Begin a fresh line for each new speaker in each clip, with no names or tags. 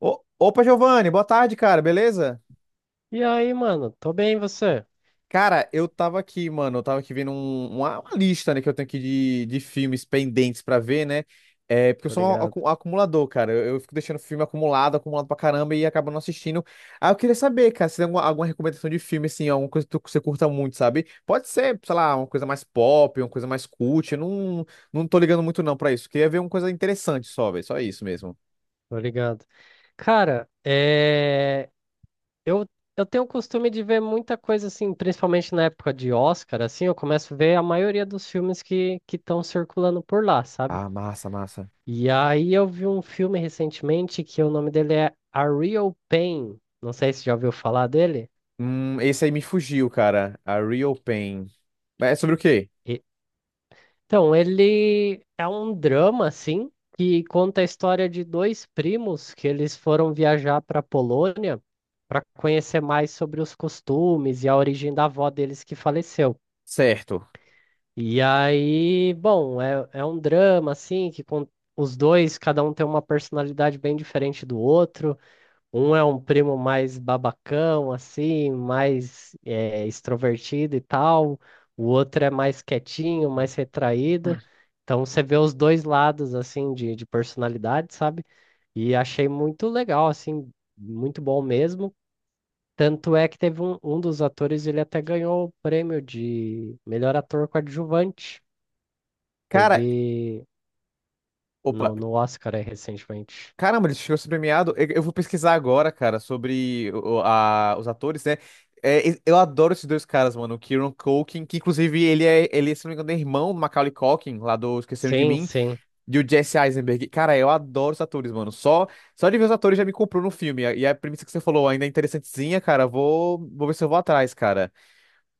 Opa, Giovanni, boa tarde, cara, beleza?
E aí, mano? Tô bem, e você?
Cara, eu tava aqui, mano, eu tava aqui vendo uma lista, né, que eu tenho aqui de filmes pendentes pra ver, né? É, porque eu
Tô
sou um
ligado,
acumulador, cara. Eu fico deixando filme acumulado, acumulado pra caramba e acabo não assistindo. Ah, eu queria saber, cara, se tem alguma recomendação de filme, assim, alguma coisa que você curta muito, sabe? Pode ser, sei lá, uma coisa mais pop, uma coisa mais cult. Eu não tô ligando muito não pra isso. Queria ver uma coisa interessante só, velho, só isso mesmo.
tô ligado. Cara, eu, eu tenho o costume de ver muita coisa assim, principalmente na época de Oscar, assim, eu começo a ver a maioria dos filmes que estão circulando por lá, sabe?
Ah, massa, massa.
E aí eu vi um filme recentemente que o nome dele é A Real Pain. Não sei se já ouviu falar dele.
Esse aí me fugiu, cara. A Real Pain. É sobre o quê?
E- Então, ele é um drama, assim, que conta a história de dois primos que eles foram viajar para a Polônia para conhecer mais sobre os costumes e a origem da avó deles que faleceu.
Certo.
E aí, bom, é um drama, assim, os dois, cada um tem uma personalidade bem diferente do outro. Um é um primo mais babacão, assim, mais extrovertido e tal. O outro é mais quietinho, mais retraído. Então você vê os dois lados, assim, de personalidade, sabe? E achei muito legal, assim, muito bom mesmo. Tanto é que teve um dos atores, ele até ganhou o prêmio de melhor ator coadjuvante. Teve
Cara, opa.
no Oscar aí, recentemente.
Caramba, ele chegou a ser premiado. Eu vou pesquisar agora, cara, sobre os atores, né? É, eu adoro esses dois caras, mano. O Kieran Culkin, que inclusive ele é, se não me engano, é irmão do Macaulay Culkin, lá do Esqueceram de
Sim,
Mim,
sim.
e o Jesse Eisenberg. Cara, eu adoro os atores, mano. Só de ver os atores já me comprou no filme. E a premissa que você falou ainda é interessantezinha, cara. Vou ver se eu vou atrás, cara.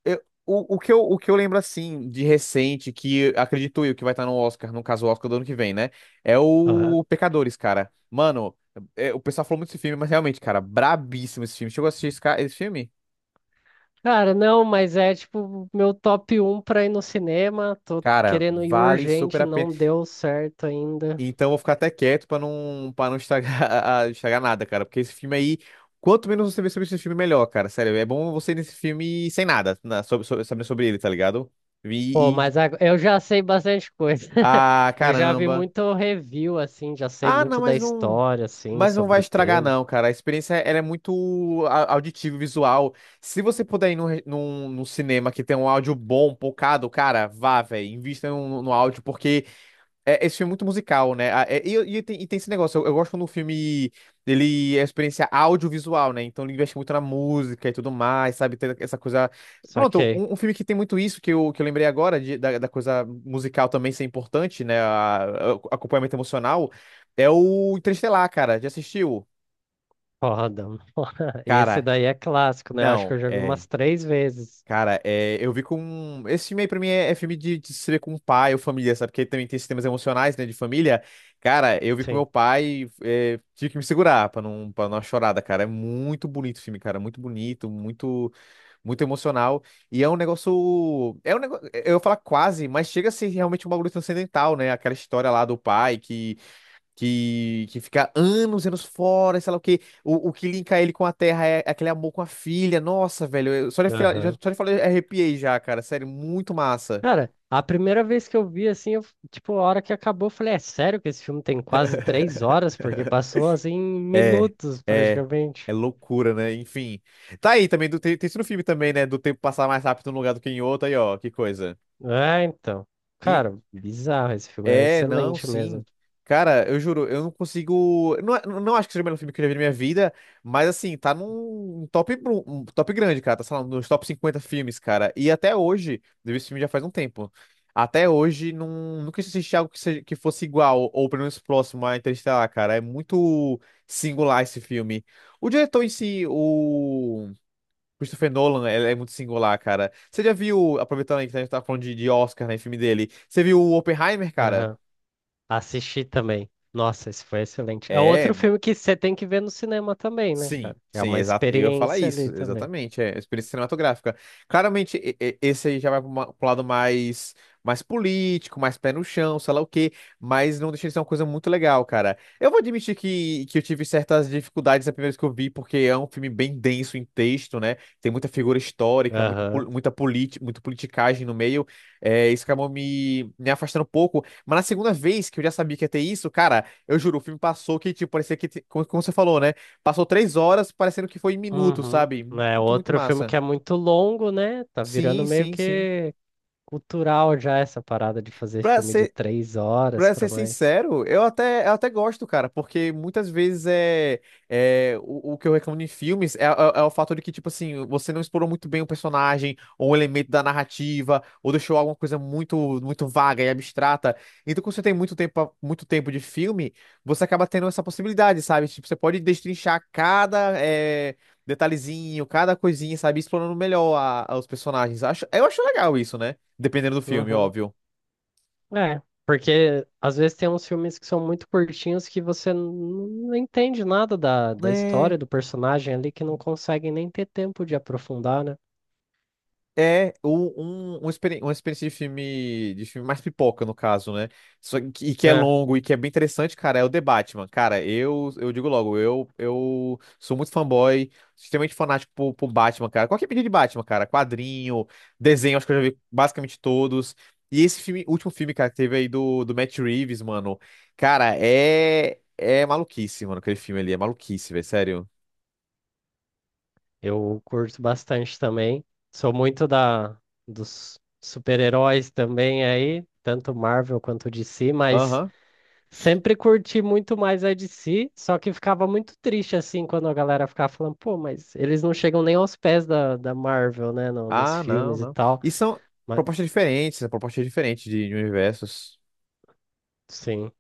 O que eu lembro, assim, de recente, que acredito eu que vai estar no Oscar, no caso, o Oscar do ano que vem, né? É
Aham.
o Pecadores, cara. Mano, o pessoal falou muito desse filme, mas realmente, cara, brabíssimo esse filme. Chegou a assistir esse filme?
Cara, não, mas é tipo meu top um pra ir no cinema. Tô
Cara,
querendo ir
vale super
urgente,
a pena.
não deu certo ainda.
Então eu vou ficar até quieto pra não estragar, estragar nada, cara. Porque esse filme aí, quanto menos você vê sobre esse filme, melhor, cara. Sério, é bom você ir nesse filme sem nada, sabendo sobre ele, tá ligado?
Pô,
E, e...
mas eu já sei bastante coisa.
Ah,
Eu já vi
caramba.
muito review, assim, já sei
Ah,
muito
não,
da
mas não.
história, assim,
Mas não vai
sobre o
estragar,
tema.
não, cara. A experiência ela é muito auditiva e visual. Se você puder ir num cinema que tem um áudio bom, pocado, cara, vá, velho. Invista no áudio, porque esse filme é muito musical, né? E tem esse negócio, eu gosto quando o filme ele é experiência audiovisual, né? Então ele investe muito na música e tudo mais, sabe? Tem essa coisa.
Só
Pronto,
que,
um filme que tem muito isso, que eu lembrei agora, da coisa musical também ser importante, né? Acompanhamento emocional, é o Interestelar, cara. Já assistiu?
foda, mano. Esse
Cara,
daí é clássico, né? Acho que
não,
eu já vi
é.
umas três vezes.
Cara, eu vi com. Esse filme aí pra mim é, é filme de se ver com pai ou família, sabe? Porque também tem esses temas emocionais, né, de família. Cara, eu vi com meu
Sim.
pai, é, tive que me segurar pra não dar uma chorada, cara. É muito bonito o filme, cara. Muito bonito, muito, muito emocional. E é um negócio. É um negócio. Eu ia falar quase, mas chega a ser realmente um bagulho transcendental, né? Aquela história lá do pai que fica anos e anos fora, e sei lá o quê. O que linka ele com a Terra é aquele amor com a filha. Nossa, velho, só de falar eu arrepiei já, cara. Sério, muito massa.
Cara, a primeira vez que eu vi, assim, eu, tipo, a hora que acabou, eu falei, é sério que esse filme tem quase 3 horas? Porque passou, assim, em
É,
minutos,
é. É
praticamente.
loucura, né? Enfim. Tá aí também, tem isso no filme também, né? Do tempo passar mais rápido num lugar do que em outro, aí ó, que coisa.
É, então. Cara, bizarro, esse filme é
É, não,
excelente
sim.
mesmo.
Cara, eu juro, eu não consigo. Não, não acho que seja o melhor filme que eu já vi na minha vida, mas assim, tá num um top grande, cara. Tá, sei lá, nos top 50 filmes, cara. E até hoje, eu vi esse filme já faz um tempo. Até hoje, não, nunca assisti algo que, seja, que fosse igual, ou pelo menos próximo a Interestelar, cara. É muito singular esse filme. O diretor em si, o Christopher Nolan, ele é muito singular, cara. Você já viu, aproveitando aí que a gente tá falando de Oscar, né, filme dele, você viu o Oppenheimer, cara?
Aham. Assisti também. Nossa, esse foi excelente. É outro
É,
filme que você tem que ver no cinema também, né,
sim,
cara? É
sim,
uma
exato. Eu ia falar
experiência ali
isso,
também.
exatamente. É experiência cinematográfica. Claramente, esse aí já vai para o lado mais, político, mais pé no chão, sei lá o quê, mas não deixa de ser uma coisa muito legal, cara. Eu vou admitir que eu tive certas dificuldades a primeira vez que eu vi, porque é um filme bem denso em texto, né? Tem muita figura histórica, muito,
Aham.
pol- muita politi, muita politicagem no meio. É, isso acabou me afastando um pouco. Mas na segunda vez que eu já sabia que ia ter isso, cara, eu juro, o filme passou que, tipo, parecia que, como, como você falou, né? Passou 3 horas, parecendo que foi em minutos,
Uhum.
sabe?
É
Muito, muito
outro filme
massa.
que é muito longo, né? Tá virando
Sim,
meio
sim, sim.
que cultural já essa parada de fazer
Pra
filme de
ser
3 horas
Pra
pra
ser
mais.
sincero, eu até gosto, cara, porque muitas vezes é, é o que eu reclamo em filmes é o fato de que, tipo assim, você não explorou muito bem o personagem, ou um elemento da narrativa, ou deixou alguma coisa muito, muito vaga e abstrata. Então, quando você tem muito tempo de filme, você acaba tendo essa possibilidade, sabe? Tipo, você pode destrinchar cada detalhezinho, cada coisinha, sabe? Explorando melhor os personagens. Eu acho legal isso, né? Dependendo do filme,
Uhum.
óbvio.
É, porque às vezes tem uns filmes que são muito curtinhos que você não entende nada da,
É.
história do personagem ali, que não consegue nem ter tempo de aprofundar, né?
Uma experiência de filme, mais pipoca, no caso, né? Só que, e que é
É,
longo e que é bem interessante, cara, é o The Batman. Cara, eu digo logo, eu sou muito fanboy, extremamente fanático por Batman, cara. Qualquer mídia de Batman, cara, quadrinho, desenho, acho que eu já vi basicamente todos. E esse filme, último filme, cara, que teve aí do Matt Reeves, mano. Cara, é maluquice, mano, aquele filme ali, é maluquice, velho, sério.
eu curto bastante também. Sou muito da dos super-heróis também aí, tanto Marvel quanto DC, mas
Aham.
sempre curti muito mais a DC, só que ficava muito triste assim quando a galera ficava falando, pô, mas eles não chegam nem aos pés da Marvel, né, nos
Ah, não,
filmes e
não.
tal.
E
Mas,
são propostas diferentes de universos.
sim,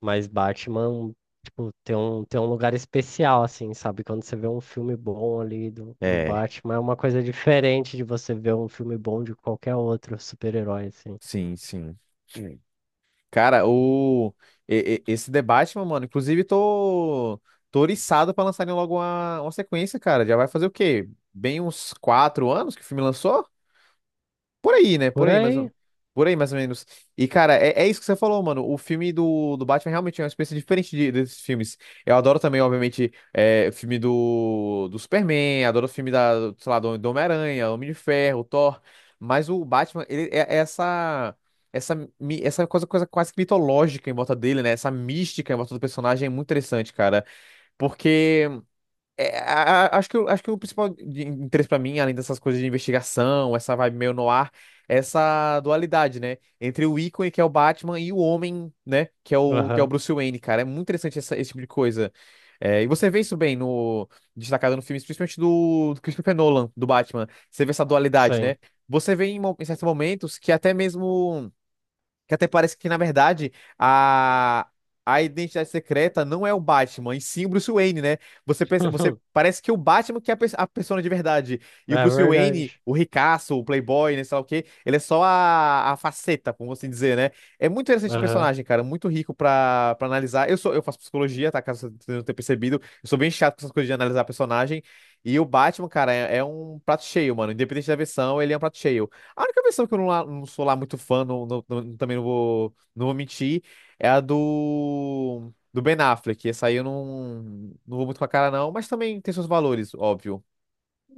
mas Batman, tipo, tem um lugar especial, assim, sabe? Quando você vê um filme bom ali do
É,
Batman, é uma coisa diferente de você ver um filme bom de qualquer outro super-herói, assim.
sim, sim. Sim. Cara, esse debate, mano, inclusive tô oriçado pra lançarem logo uma sequência, cara. Já vai fazer o quê? Bem uns 4 anos que o filme lançou? Por aí, né? Por
Por
aí, mas
aí?
por aí, mais ou menos. E, cara, é, é isso que você falou, mano. O filme do Batman realmente é uma experiência diferente desses filmes. Eu adoro também, obviamente, é, o filme do Superman, adoro o filme da, sei lá, do Homem-Aranha, Homem de Ferro, Thor. Mas o Batman, ele é essa. Essa coisa, coisa quase que mitológica em volta dele, né? Essa mística em volta do personagem é muito interessante, cara. Porque é, acho que, acho que o principal de interesse pra mim, além dessas coisas de investigação, essa vibe meio noir, é essa dualidade, né? Entre o ícone, que é o Batman, e o homem, né? Que é o
Aham,
Bruce Wayne, cara. É muito interessante esse tipo de coisa. É, e você vê isso bem no destacado no filme, principalmente do Christopher Nolan, do Batman. Você vê essa dualidade,
sim.
né? Você vê em certos momentos que até mesmo. Que até parece que, na verdade, a, a identidade secreta não é o Batman, e sim o Bruce Wayne, né? Você, você parece que o Batman que é a persona de verdade. E o
É
Bruce Wayne,
verdade.
o ricaço, o playboy, né, sei lá o quê, ele é só a faceta, como assim dizer, né? É muito interessante o
Aham.
personagem, cara. Muito rico pra analisar. Eu sou, eu faço psicologia, tá? Caso você não tenha percebido. Eu sou bem chato com essas coisas de analisar personagem. E o Batman, cara, é um prato cheio, mano. Independente da versão, ele é um prato cheio. A única versão que eu não, não sou lá muito fã, também não vou mentir, é a do Ben Affleck. Essa aí eu não vou muito com a cara, não, mas também tem seus valores, óbvio.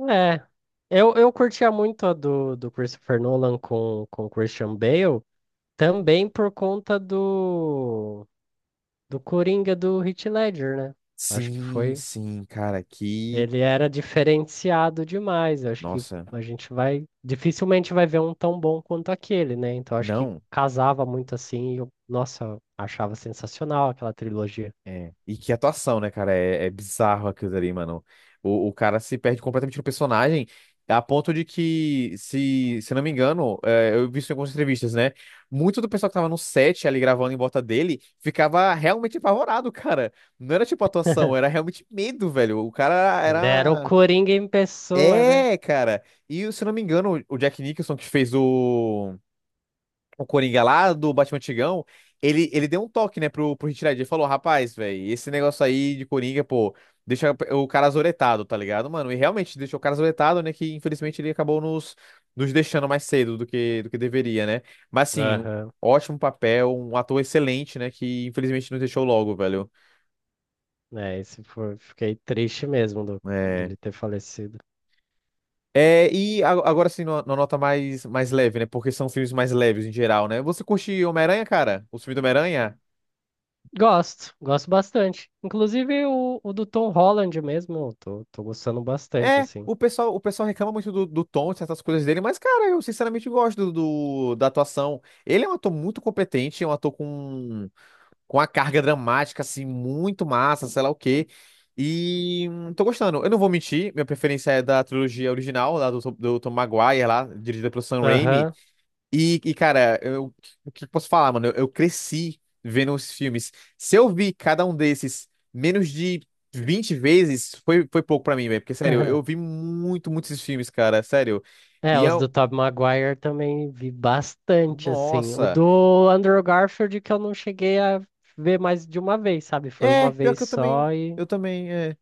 É, eu curtia muito a do Christopher Nolan com Christian Bale, também por conta do Coringa do Heath Ledger, né? Acho que
Sim,
foi.
sim, cara, que.
Ele era diferenciado demais. Acho que
Nossa,
a gente vai. Dificilmente vai ver um tão bom quanto aquele, né? Então acho que
não.
casava muito assim. E eu, nossa, achava sensacional aquela trilogia.
É. E que atuação, né, cara? É bizarro aquilo ali, mano. O cara se perde completamente no personagem, a ponto de que, se não me engano, eu vi isso em algumas entrevistas, né? Muito do pessoal que tava no set ali gravando em volta dele ficava realmente apavorado, cara. Não era tipo atuação, era realmente medo, velho. O cara
Ele era o
era.
Coringa em pessoa, né?
É, cara. E se não me engano, o Jack Nicholson que fez o Coringa lá do Batman Antigão, ele deu um toque, né, pro Heath Ledger. Ele falou, rapaz, velho, esse negócio aí de Coringa, pô, deixa o cara azoretado, tá ligado, mano? E realmente deixou o cara azoretado, né, que infelizmente ele acabou nos deixando mais cedo do que deveria, né? Mas, assim,
Aham.
ótimo papel, um ator excelente, né, que infelizmente nos deixou logo, velho.
É, esse foi, fiquei triste mesmo
É...
dele ter falecido.
É, e agora sim, numa numa nota mais, mais leve, né? Porque são filmes mais leves em geral, né? Você curte Homem-Aranha, cara? Os filmes do Homem-Aranha?
Gosto, gosto bastante. Inclusive o do Tom Holland mesmo, eu tô gostando bastante,
É,
assim.
o pessoal reclama muito do, do tom, de certas coisas dele, mas, cara, eu sinceramente gosto do, da atuação. Ele é um ator muito competente, é um ator com uma carga dramática, assim, muito massa, sei lá o quê. E tô gostando. Eu não vou mentir, minha preferência é da trilogia original, lá do, do Tom Maguire, lá, dirigida pelo Sam Raimi.
Aham.
Cara, eu, o que eu posso falar, mano? Eu cresci vendo os filmes. Se eu vi cada um desses menos de 20 vezes, foi, foi pouco pra mim, velho. Porque, sério, eu vi muito, muitos esses filmes, cara, sério.
É,
E
os do
eu.
Tobey Maguire também vi bastante, assim. O
Nossa!
do Andrew Garfield que eu não cheguei a ver mais de uma vez, sabe? Foi uma
É, pior
vez
que eu também.
só e...
Eu também, é.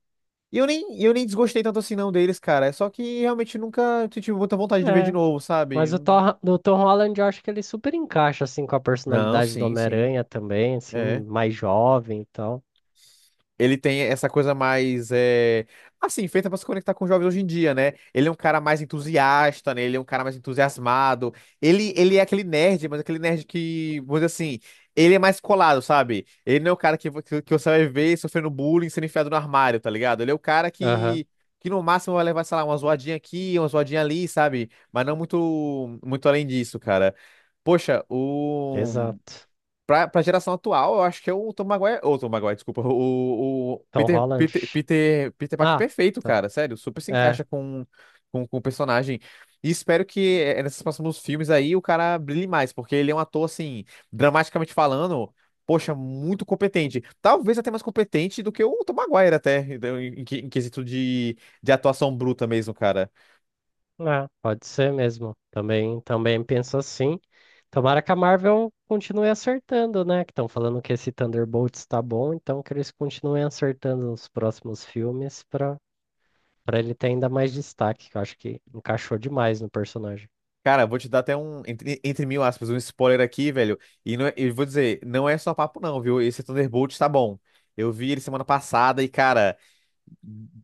E eu nem desgostei tanto assim, não, deles, cara. É só que realmente nunca tive muita vontade de ver de
É,
novo, sabe?
mas o Thor, do Tom Holland eu acho que ele super encaixa, assim, com a
Não,
personalidade do
sim, sim.
Homem-Aranha também, assim,
É.
mais jovem e tal.
Ele tem essa coisa mais, é, assim, feita pra se conectar com os jovens hoje em dia, né? Ele é um cara mais entusiasta, né? Ele é um cara mais entusiasmado. Ele é aquele nerd, mas aquele nerd que, vamos dizer assim, ele é mais colado, sabe? Ele não é o cara que, que você vai ver sofrendo bullying, sendo enfiado no armário, tá ligado? Ele é o cara
Aham.
que no máximo vai levar, sei lá, uma zoadinha aqui, uma zoadinha ali, sabe? Mas não muito, muito além disso, cara. Poxa, o.
Exato.
Pra geração atual, eu acho que é o Tom Maguire. Ou Tom Maguire, desculpa. O
Tom Holland.
Peter Parker
Ah,
perfeito,
tá.
cara. Sério, super se
É,
encaixa com o personagem. E espero que nesses próximos filmes aí o cara brilhe mais, porque ele é um ator, assim, dramaticamente falando, poxa, muito competente. Talvez até mais competente do que o Tom Maguire, até, então, em quesito de atuação bruta mesmo, cara.
é, pode ser mesmo. Também penso assim. Tomara que a Marvel continue acertando, né? Que estão falando que esse Thunderbolts está bom, então que eles continuem acertando nos próximos filmes para ele ter ainda mais destaque, que eu acho que encaixou demais no personagem.
Cara, vou te dar até um, entre, entre mil aspas, um spoiler aqui, velho. E não, eu vou dizer, não é só papo, não, viu? Esse Thunderbolt tá bom. Eu vi ele semana passada e, cara.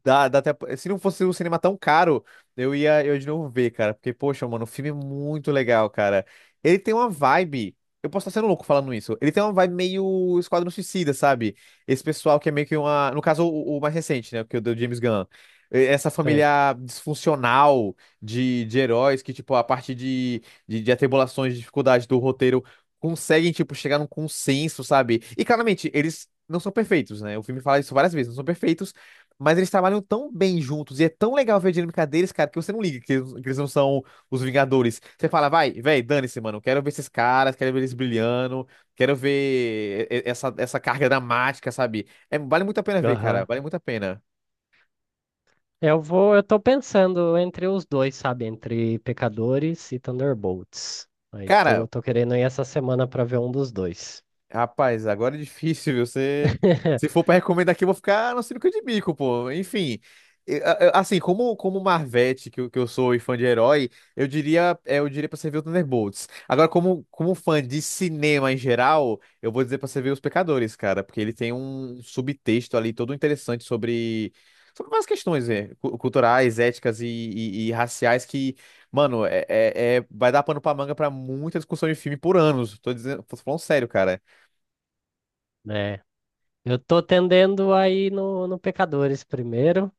Dá até... Se não fosse um cinema tão caro, eu ia eu de novo ver, cara. Porque, poxa, mano, o filme é muito legal, cara. Ele tem uma vibe. Eu posso estar sendo louco falando isso. Ele tem uma vibe meio Esquadrão Suicida, sabe? Esse pessoal que é meio que uma. No caso, o mais recente, né? Que é o do James Gunn. Essa
Sei.
família disfuncional de heróis que, tipo, a partir de, de atribulações, de dificuldades do roteiro, conseguem, tipo, chegar num consenso, sabe? E claramente, eles não são perfeitos, né? O filme fala isso várias vezes, não são perfeitos. Mas eles trabalham tão bem juntos e é tão legal ver a dinâmica deles, cara, que você não liga que eles não são os Vingadores. Você fala, vai, véi, dane-se, mano. Quero ver esses caras, quero ver eles brilhando, quero ver essa, essa carga dramática, sabe? É, vale muito a pena ver, cara.
Aham.
Vale muito a pena.
Eu tô pensando entre os dois, sabe? Entre Pecadores e Thunderbolts. Aí
Cara,
tô querendo ir essa semana para ver um dos dois.
rapaz, agora é difícil, viu? Você... Se for pra recomendar aqui, eu vou ficar no sinuca de bico, pô. Enfim, assim, como, como Marvete, que, que eu sou e fã de herói, eu diria, é, eu diria pra você ver o Thunderbolts. Agora, como, como fã de cinema em geral, eu vou dizer pra você ver Os Pecadores, cara, porque ele tem um subtexto ali todo interessante sobre, sobre várias questões, né? Culturais, éticas e, e raciais que, mano, é, vai dar pano pra manga pra muita discussão de filme por anos. Tô dizendo, tô falando sério, cara.
Né? Eu tô tendendo aí no Pecadores primeiro,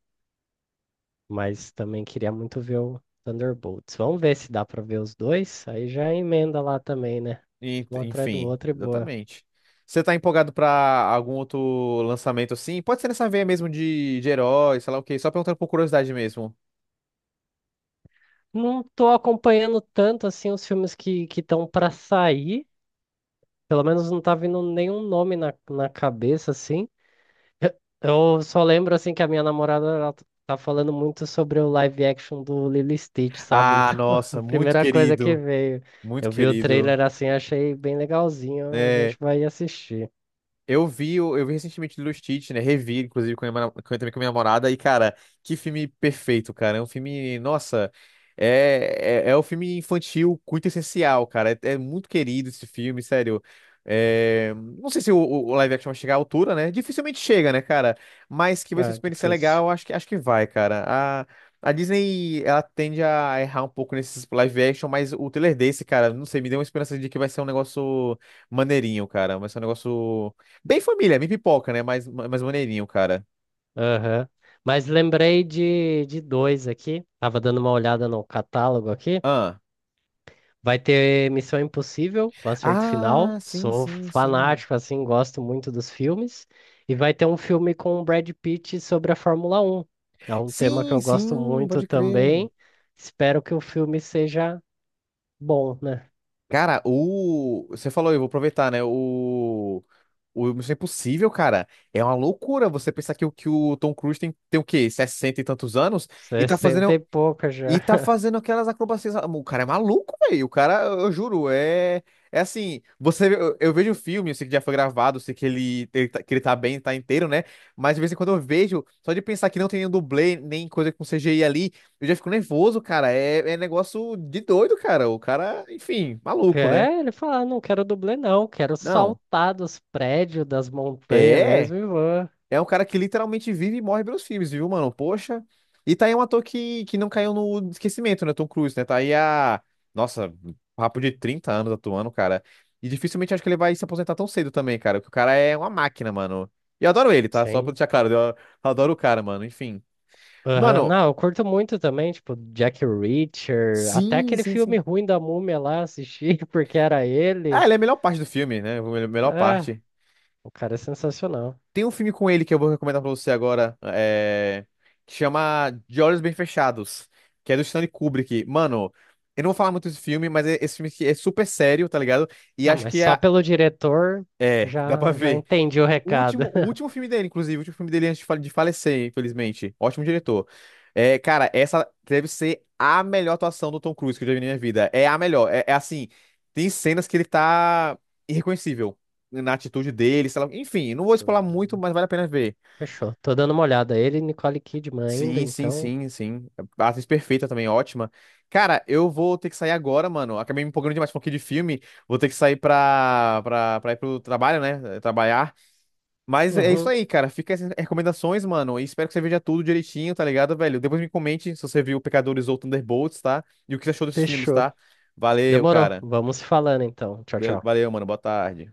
mas também queria muito ver o Thunderbolts. Vamos ver se dá pra ver os dois, aí já emenda lá também, né? Um atrás do
Enfim,
outro e boa.
exatamente. Você tá empolgado pra algum outro lançamento assim? Pode ser nessa veia mesmo de herói, sei lá o quê. Só perguntando por curiosidade mesmo.
Não tô acompanhando tanto assim os filmes que estão pra sair, pelo menos não tá vindo nenhum nome na, cabeça assim. Eu só lembro assim que a minha namorada ela tá falando muito sobre o live action do Lilo e Stitch, sabe?
Ah,
Então, a
nossa, muito
primeira coisa que
querido.
veio.
Muito
Eu vi o
querido.
trailer assim, achei bem legalzinho, a
É.
gente vai assistir.
Eu vi, eu vi recentemente Lilo e Stitch, né? Revi, inclusive, com a minha, também com a minha namorada. E, cara, que filme perfeito, cara. É um filme, nossa, é, é, é um filme infantil muito essencial, cara. É, é muito querido esse filme, sério. É, não sei se o, o live action vai chegar à altura, né? Dificilmente chega, né, cara? Mas que vai ser uma
Ah,
experiência
difícil.
legal, eu acho que vai, cara. A Disney, ela tende a errar um pouco nesses live action, mas o trailer desse, cara, não sei, me deu uma esperança de que vai ser um negócio maneirinho, cara. Vai ser um negócio. Bem família, bem pipoca, né? Mais, mais maneirinho, cara.
Aham. Mas lembrei de dois aqui. Tava dando uma olhada no catálogo aqui.
Ah.
Vai ter Missão Impossível, o Acerto Final.
Ah, sim,
Sou
sim, sim.
fanático, assim, gosto muito dos filmes. E vai ter um filme com o Brad Pitt sobre a Fórmula 1, que é um tema que
Sim,
eu gosto
sim,
muito
pode crer.
também. Espero que o filme seja bom, né?
Cara, o. Você falou, eu vou aproveitar, né? O. O Missão Impossível, cara, é uma loucura você pensar que o Tom Cruise tem, tem o quê? 60 e tantos anos e tá
60
fazendo
e pouca
e
já.
tá fazendo aquelas acrobacias. O cara é maluco, velho. O cara, eu juro, é. É assim, você, eu vejo o filme, eu sei que já foi gravado, eu sei que ele que ele tá bem, tá inteiro, né? Mas de vez em quando eu vejo, só de pensar que não tem nenhum dublê, nem coisa com C CGI ali, eu já fico nervoso, cara. É, é negócio de doido, cara. O cara, enfim, maluco, né?
É, ele fala: "Ah, não quero dublê não, quero
Não.
saltar dos prédios, das montanhas
É.
mesmo e vou."
É um cara que literalmente vive e morre pelos filmes, viu, mano? Poxa. E tá aí um ator que não caiu no esquecimento, né? Tom Cruise, né? Tá aí a. Nossa, papo de 30 anos atuando, cara. E dificilmente acho que ele vai se aposentar tão cedo também, cara. Porque o cara é uma máquina, mano. E eu adoro ele, tá? Só pra
Sim.
deixar claro, eu adoro o cara, mano. Enfim.
Aham,
Mano,
não, eu curto muito também, tipo, Jack Reacher, até
sim,
aquele
sim,
filme
sim.
ruim da Múmia lá, assisti porque era
Ah,
ele.
ele é a melhor parte do filme, né? A melhor
Ah,
parte.
o cara é sensacional.
Tem um filme com ele que eu vou recomendar pra você agora, é, que chama De Olhos Bem Fechados, que é do Stanley Kubrick. Mano, eu não vou falar muito desse filme, mas esse filme aqui é super sério, tá ligado? E
Ah,
acho
mas
que
só
é.
pelo diretor
É, dá pra
já, já
ver.
entendi o recado.
O último filme dele, inclusive, o último filme dele antes de de falecer, infelizmente. Ótimo diretor. É, cara, essa deve ser a melhor atuação do Tom Cruise que eu já vi na minha vida. É a melhor. É, é assim, tem cenas que ele tá irreconhecível na atitude dele, sei lá. Enfim, não vou explorar muito,
Uhum,
mas vale a pena ver.
fechou. Tô dando uma olhada. Ele e Nicole Kidman ainda,
Sim, sim,
então.
sim, sim. A atriz perfeita também, ótima. Cara, eu vou ter que sair agora, mano. Acabei me empolgando demais com aqui de filme. Vou ter que sair pra, pra, pra ir pro trabalho, né? Trabalhar. Mas é isso
Uhum,
aí, cara. Fica essas recomendações, mano. E espero que você veja tudo direitinho, tá ligado, velho? Depois me comente se você viu Pecadores ou Thunderbolts, tá? E o que você achou desses filmes,
fechou.
tá? Valeu,
Demorou.
cara.
Vamos se falando então. Tchau, tchau.
Valeu, mano. Boa tarde.